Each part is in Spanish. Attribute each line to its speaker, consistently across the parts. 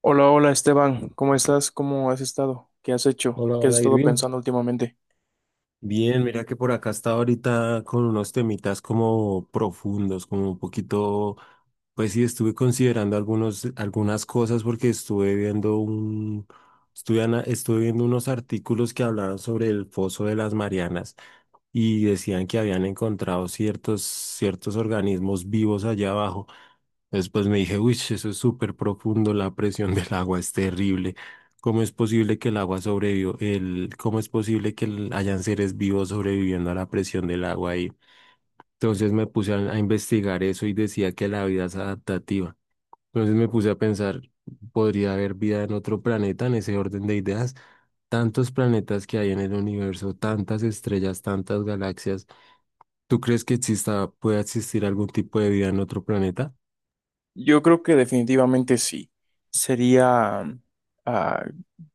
Speaker 1: Hola, hola Esteban, ¿cómo estás? ¿Cómo has estado? ¿Qué has hecho?
Speaker 2: Hola,
Speaker 1: ¿Qué has
Speaker 2: hola
Speaker 1: estado
Speaker 2: Irving.
Speaker 1: pensando últimamente?
Speaker 2: Bien, mira que por acá estaba ahorita con unos temitas como profundos, como un poquito, pues sí, estuve considerando algunas cosas porque estuve viendo un, estuve, ana- estuve viendo unos artículos que hablaban sobre el foso de las Marianas y decían que habían encontrado ciertos organismos vivos allá abajo. Después me dije, uy, eso es súper profundo, la presión del agua es terrible. ¿Cómo es posible que el agua sobrevivió? ¿Cómo es posible que hayan seres vivos sobreviviendo a la presión del agua ahí? Entonces me puse a investigar eso y decía que la vida es adaptativa. Entonces me puse a pensar, ¿podría haber vida en otro planeta en ese orden de ideas? Tantos planetas que hay en el universo, tantas estrellas, tantas galaxias. ¿Tú crees que exista, pueda existir algún tipo de vida en otro planeta?
Speaker 1: Yo creo que definitivamente sí. Sería, ah,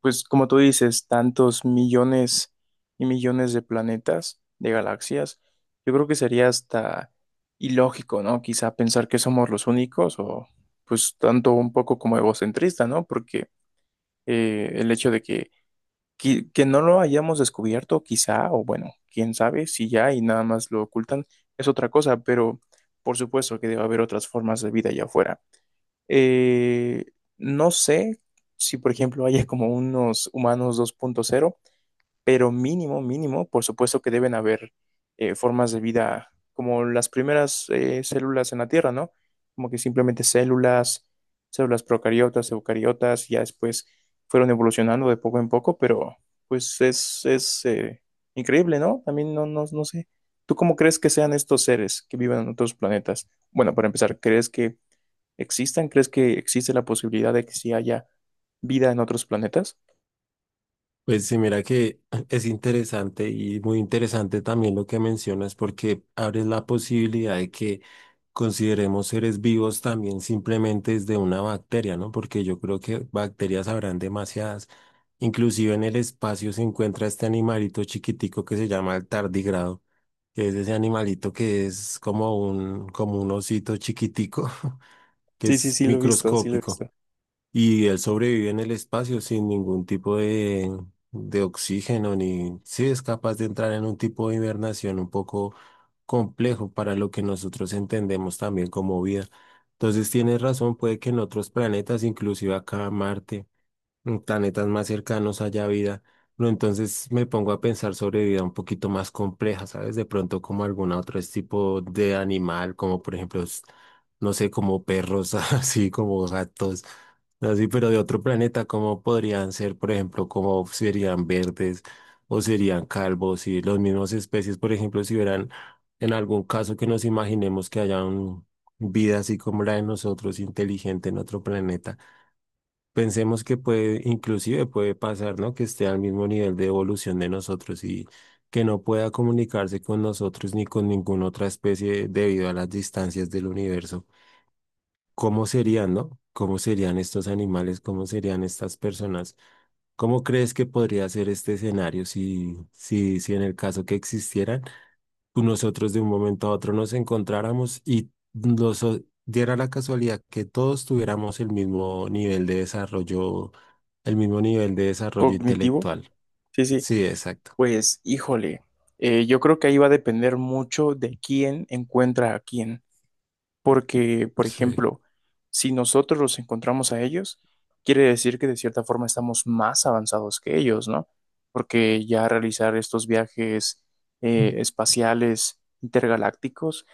Speaker 1: pues como tú dices, tantos millones y millones de planetas, de galaxias. Yo creo que sería hasta ilógico, ¿no? Quizá pensar que somos los únicos o pues tanto un poco como egocentrista, ¿no? Porque el hecho de que no lo hayamos descubierto, quizá, o bueno, quién sabe, si ya y nada más lo ocultan, es otra cosa, pero por supuesto que debe haber otras formas de vida allá afuera. Eh, no sé si, por ejemplo, haya como unos humanos 2.0 pero mínimo, mínimo, por supuesto que deben haber formas de vida como las primeras células en la Tierra, ¿no? Como que simplemente células, células procariotas, eucariotas, ya después fueron evolucionando de poco en poco, pero pues es increíble, ¿no? También no, no, no sé. ¿Tú cómo crees que sean estos seres que viven en otros planetas? Bueno, para empezar, ¿crees que existan? ¿Crees que existe la posibilidad de que sí haya vida en otros planetas?
Speaker 2: Pues sí, mira que es interesante y muy interesante también lo que mencionas porque abres la posibilidad de que consideremos seres vivos también simplemente desde una bacteria, ¿no? Porque yo creo que bacterias habrán demasiadas. Inclusive en el espacio se encuentra este animalito chiquitico que se llama el tardígrado, que es ese animalito que es como un osito chiquitico, que
Speaker 1: Sí, sí,
Speaker 2: es
Speaker 1: sí, lo he visto, sí lo he
Speaker 2: microscópico.
Speaker 1: visto.
Speaker 2: Y él sobrevive en el espacio sin ningún tipo de oxígeno, ni si es capaz de entrar en un tipo de hibernación un poco complejo para lo que nosotros entendemos también como vida. Entonces tienes razón, puede que en otros planetas, inclusive acá Marte en planetas más cercanos haya vida. Pero entonces me pongo a pensar sobre vida un poquito más compleja, ¿sabes? De pronto como algún otro tipo de animal, como por ejemplo, no sé, como perros, así como gatos, así, pero de otro planeta, ¿cómo podrían ser, por ejemplo, cómo serían verdes o serían calvos y los mismos especies, por ejemplo, si hubieran en algún caso que nos imaginemos que haya un vida así como la de nosotros, inteligente en otro planeta? Pensemos que puede, inclusive puede pasar, ¿no? Que esté al mismo nivel de evolución de nosotros y que no pueda comunicarse con nosotros ni con ninguna otra especie debido a las distancias del universo. ¿Cómo serían, no? ¿Cómo serían estos animales? ¿Cómo serían estas personas? ¿Cómo crees que podría ser este escenario si en el caso que existieran? Nosotros de un momento a otro nos encontráramos y diera la casualidad que todos tuviéramos el mismo nivel de desarrollo, el mismo nivel de desarrollo
Speaker 1: ¿Cognitivo?
Speaker 2: intelectual.
Speaker 1: Sí, sí,
Speaker 2: Sí, exacto.
Speaker 1: pues híjole, yo creo que ahí va a depender mucho de quién encuentra a quién, porque, por
Speaker 2: Sí.
Speaker 1: ejemplo, si nosotros los encontramos a ellos, quiere decir que de cierta forma estamos más avanzados que ellos, ¿no? Porque ya realizar estos viajes espaciales intergalácticos,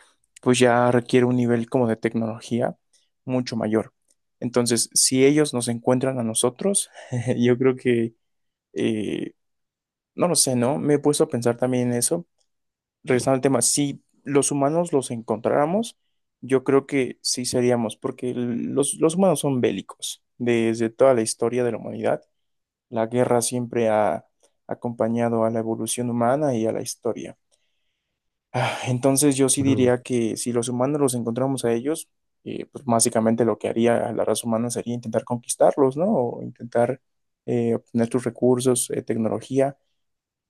Speaker 1: pues ya requiere un nivel como de tecnología mucho mayor. Entonces, si ellos nos encuentran a nosotros, yo creo que... eh, no lo sé, ¿no? Me he puesto a pensar también en eso. Regresando al tema, si los humanos los encontráramos, yo creo que sí seríamos, porque los humanos son bélicos. Desde toda la historia de la humanidad, la guerra siempre ha acompañado a la evolución humana y a la historia. Entonces yo sí
Speaker 2: Ujú.
Speaker 1: diría que si los humanos los encontramos a ellos, pues básicamente lo que haría la raza humana sería intentar conquistarlos, ¿no? O intentar obtener sus recursos, tecnología,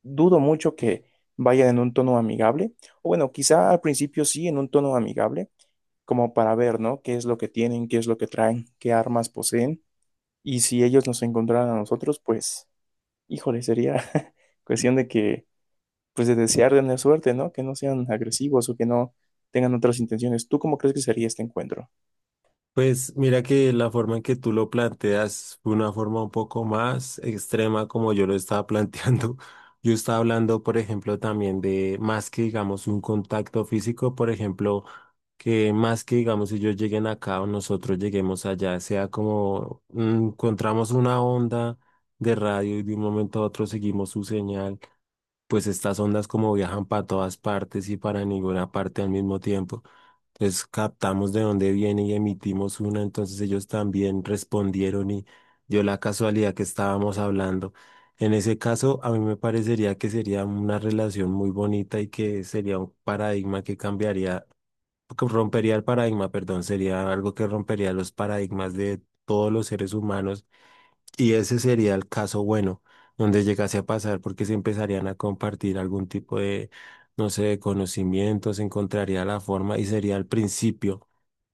Speaker 1: dudo mucho que vayan en un tono amigable, o bueno, quizá al principio sí, en un tono amigable, como para ver, ¿no? ¿Qué es lo que tienen, qué es lo que traen, qué armas poseen? Y si ellos nos encontraran a nosotros, pues, híjole, sería cuestión de que, pues, de desear tener suerte, ¿no? Que no sean agresivos o que no tengan otras intenciones. ¿Tú cómo crees que sería este encuentro?
Speaker 2: Pues mira que la forma en que tú lo planteas fue una forma un poco más extrema como yo lo estaba planteando. Yo estaba hablando, por ejemplo, también de más que digamos un contacto físico, por ejemplo, que más que digamos si ellos lleguen acá o nosotros lleguemos allá, sea como encontramos una onda de radio y de un momento a otro seguimos su señal, pues estas ondas como viajan para todas partes y para ninguna parte al mismo tiempo. Entonces captamos de dónde viene y emitimos una, entonces ellos también respondieron y dio la casualidad que estábamos hablando. En ese caso, a mí me parecería que sería una relación muy bonita y que sería un paradigma que cambiaría, que rompería el paradigma, perdón, sería algo que rompería los paradigmas de todos los seres humanos y ese sería el caso bueno, donde llegase a pasar porque se empezarían a compartir algún tipo de, no sé, de conocimientos, se encontraría la forma y sería el principio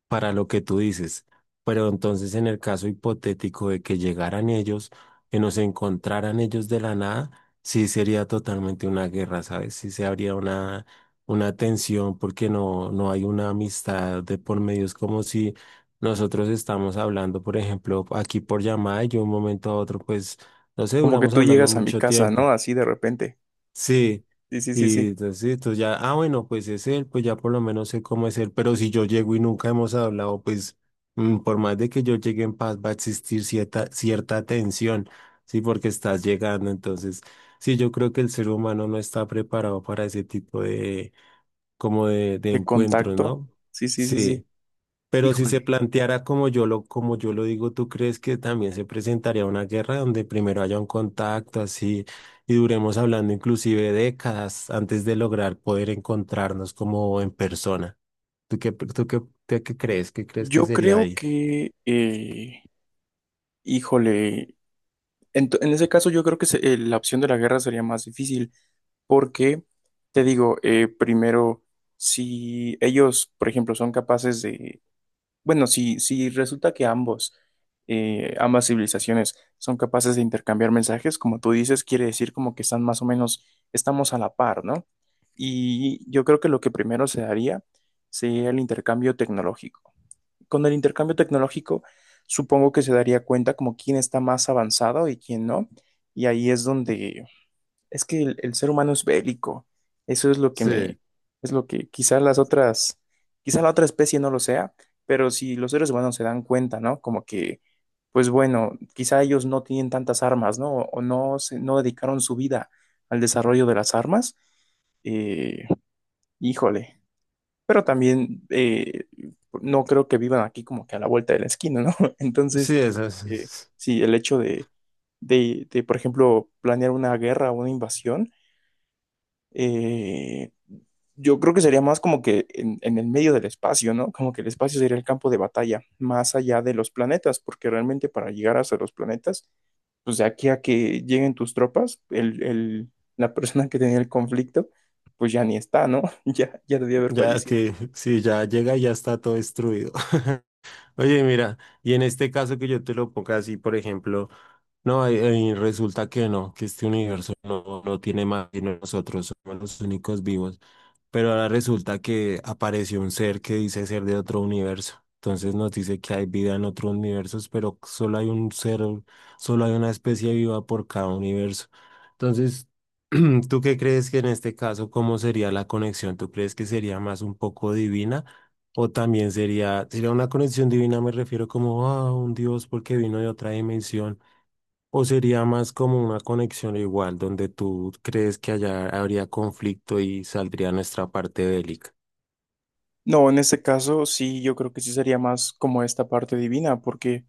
Speaker 2: para lo que tú dices. Pero entonces, en el caso hipotético de que llegaran ellos, que nos encontraran ellos de la nada, sí sería totalmente una guerra, ¿sabes? Sí se habría una tensión porque no, no hay una amistad de por medio. Es como si nosotros estamos hablando, por ejemplo, aquí por llamada y yo de un momento a otro, pues, no sé,
Speaker 1: Como que
Speaker 2: duramos
Speaker 1: tú
Speaker 2: hablando
Speaker 1: llegas a mi
Speaker 2: mucho
Speaker 1: casa, ¿no?
Speaker 2: tiempo.
Speaker 1: Así de repente.
Speaker 2: Sí,
Speaker 1: Sí, sí, sí,
Speaker 2: y
Speaker 1: sí.
Speaker 2: entonces esto ya, ah, bueno, pues es él, pues ya por lo menos sé cómo es él, pero si yo llego y nunca hemos hablado, pues por más de que yo llegue en paz, va a existir cierta tensión, sí, porque estás llegando, entonces, sí, yo creo que el ser humano no está preparado para ese tipo de, como de
Speaker 1: Te
Speaker 2: encuentros,
Speaker 1: contacto.
Speaker 2: ¿no?
Speaker 1: Sí, sí, sí, sí.
Speaker 2: Sí. Pero si se
Speaker 1: Híjole.
Speaker 2: planteara como yo lo digo, ¿tú crees que también se presentaría una guerra donde primero haya un contacto así y duremos hablando inclusive décadas antes de lograr poder encontrarnos como en persona? ¿Tú qué, tú qué, qué crees? ¿Qué crees que
Speaker 1: Yo
Speaker 2: sería
Speaker 1: creo
Speaker 2: ahí?
Speaker 1: que híjole, en ese caso yo creo que la opción de la guerra sería más difícil porque, te digo, primero, si ellos, por ejemplo, son capaces de, bueno, si, si resulta que ambos, ambas civilizaciones son capaces de intercambiar mensajes, como tú dices, quiere decir como que están más o menos, estamos a la par, ¿no? Y yo creo que lo que primero se haría sería el intercambio tecnológico. Con el intercambio tecnológico, supongo que se daría cuenta como quién está más avanzado y quién no. Y ahí es donde es que el ser humano es bélico. Eso es lo que me,
Speaker 2: Sí.
Speaker 1: es lo que quizás las otras, quizá la otra especie no lo sea, pero si los seres humanos se dan cuenta, ¿no? Como que, pues bueno, quizá ellos no tienen tantas armas, ¿no? O no, se, no dedicaron su vida al desarrollo de las armas. eh, Híjole, pero también no creo que vivan aquí como que a la vuelta de la esquina, ¿no? Entonces,
Speaker 2: Sí.
Speaker 1: eh, sí, el hecho de, por ejemplo, planear una guerra o una invasión, eh, yo creo que sería más como que en el medio del espacio, ¿no? Como que el espacio sería el campo de batalla, más allá de los planetas, porque realmente para llegar hasta los planetas, pues de aquí a que lleguen tus tropas, la persona que tenía el conflicto, pues ya ni está, ¿no? Ya, ya debió haber
Speaker 2: Ya
Speaker 1: fallecido.
Speaker 2: que sí, ya llega y ya está todo destruido. Oye, mira, y en este caso que yo te lo ponga así, por ejemplo. No, y resulta que no, que este universo no, no tiene más y nosotros somos los únicos vivos. Pero ahora resulta que apareció un ser que dice ser de otro universo. Entonces nos dice que hay vida en otros universos, pero solo hay un ser, solo hay una especie viva por cada universo. Entonces, ¿tú qué crees que en este caso, cómo sería la conexión? ¿Tú crees que sería más un poco divina? O también sería una conexión divina, me refiero como a un Dios porque vino de otra dimensión. ¿O sería más como una conexión igual, donde tú crees que allá habría conflicto y saldría nuestra parte bélica?
Speaker 1: No, en este caso sí, yo creo que sí sería más como esta parte divina, porque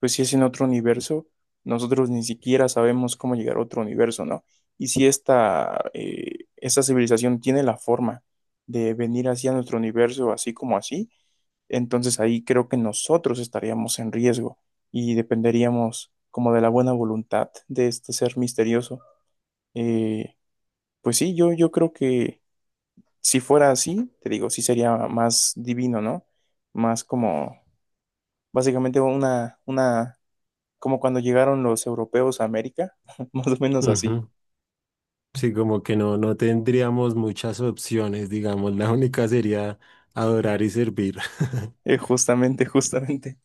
Speaker 1: pues si es en otro universo, nosotros ni siquiera sabemos cómo llegar a otro universo, ¿no? Y si esta esta civilización tiene la forma de venir hacia nuestro universo así como así, entonces ahí creo que nosotros estaríamos en riesgo y dependeríamos como de la buena voluntad de este ser misterioso. Eh, pues sí, yo creo que si fuera así, te digo, sí sería más divino, ¿no? Más como, básicamente una como cuando llegaron los europeos a América, más o menos así.
Speaker 2: Ujú. Sí, como que no, no tendríamos muchas opciones, digamos, la única sería adorar y servir.
Speaker 1: Justamente, justamente.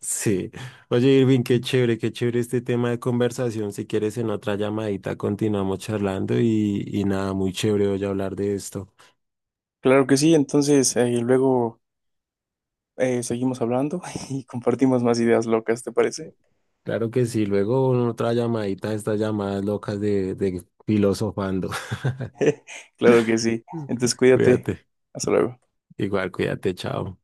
Speaker 2: Sí. Oye, Irving, qué chévere este tema de conversación. Si quieres, en otra llamadita continuamos charlando y nada, muy chévere hoy hablar de esto.
Speaker 1: Claro que sí, entonces luego seguimos hablando y compartimos más ideas locas, ¿te parece?
Speaker 2: Claro que sí, luego en otra llamadita, estas llamadas locas de filosofando.
Speaker 1: Claro que sí. Entonces cuídate.
Speaker 2: Cuídate,
Speaker 1: Hasta luego.
Speaker 2: igual, cuídate, chao.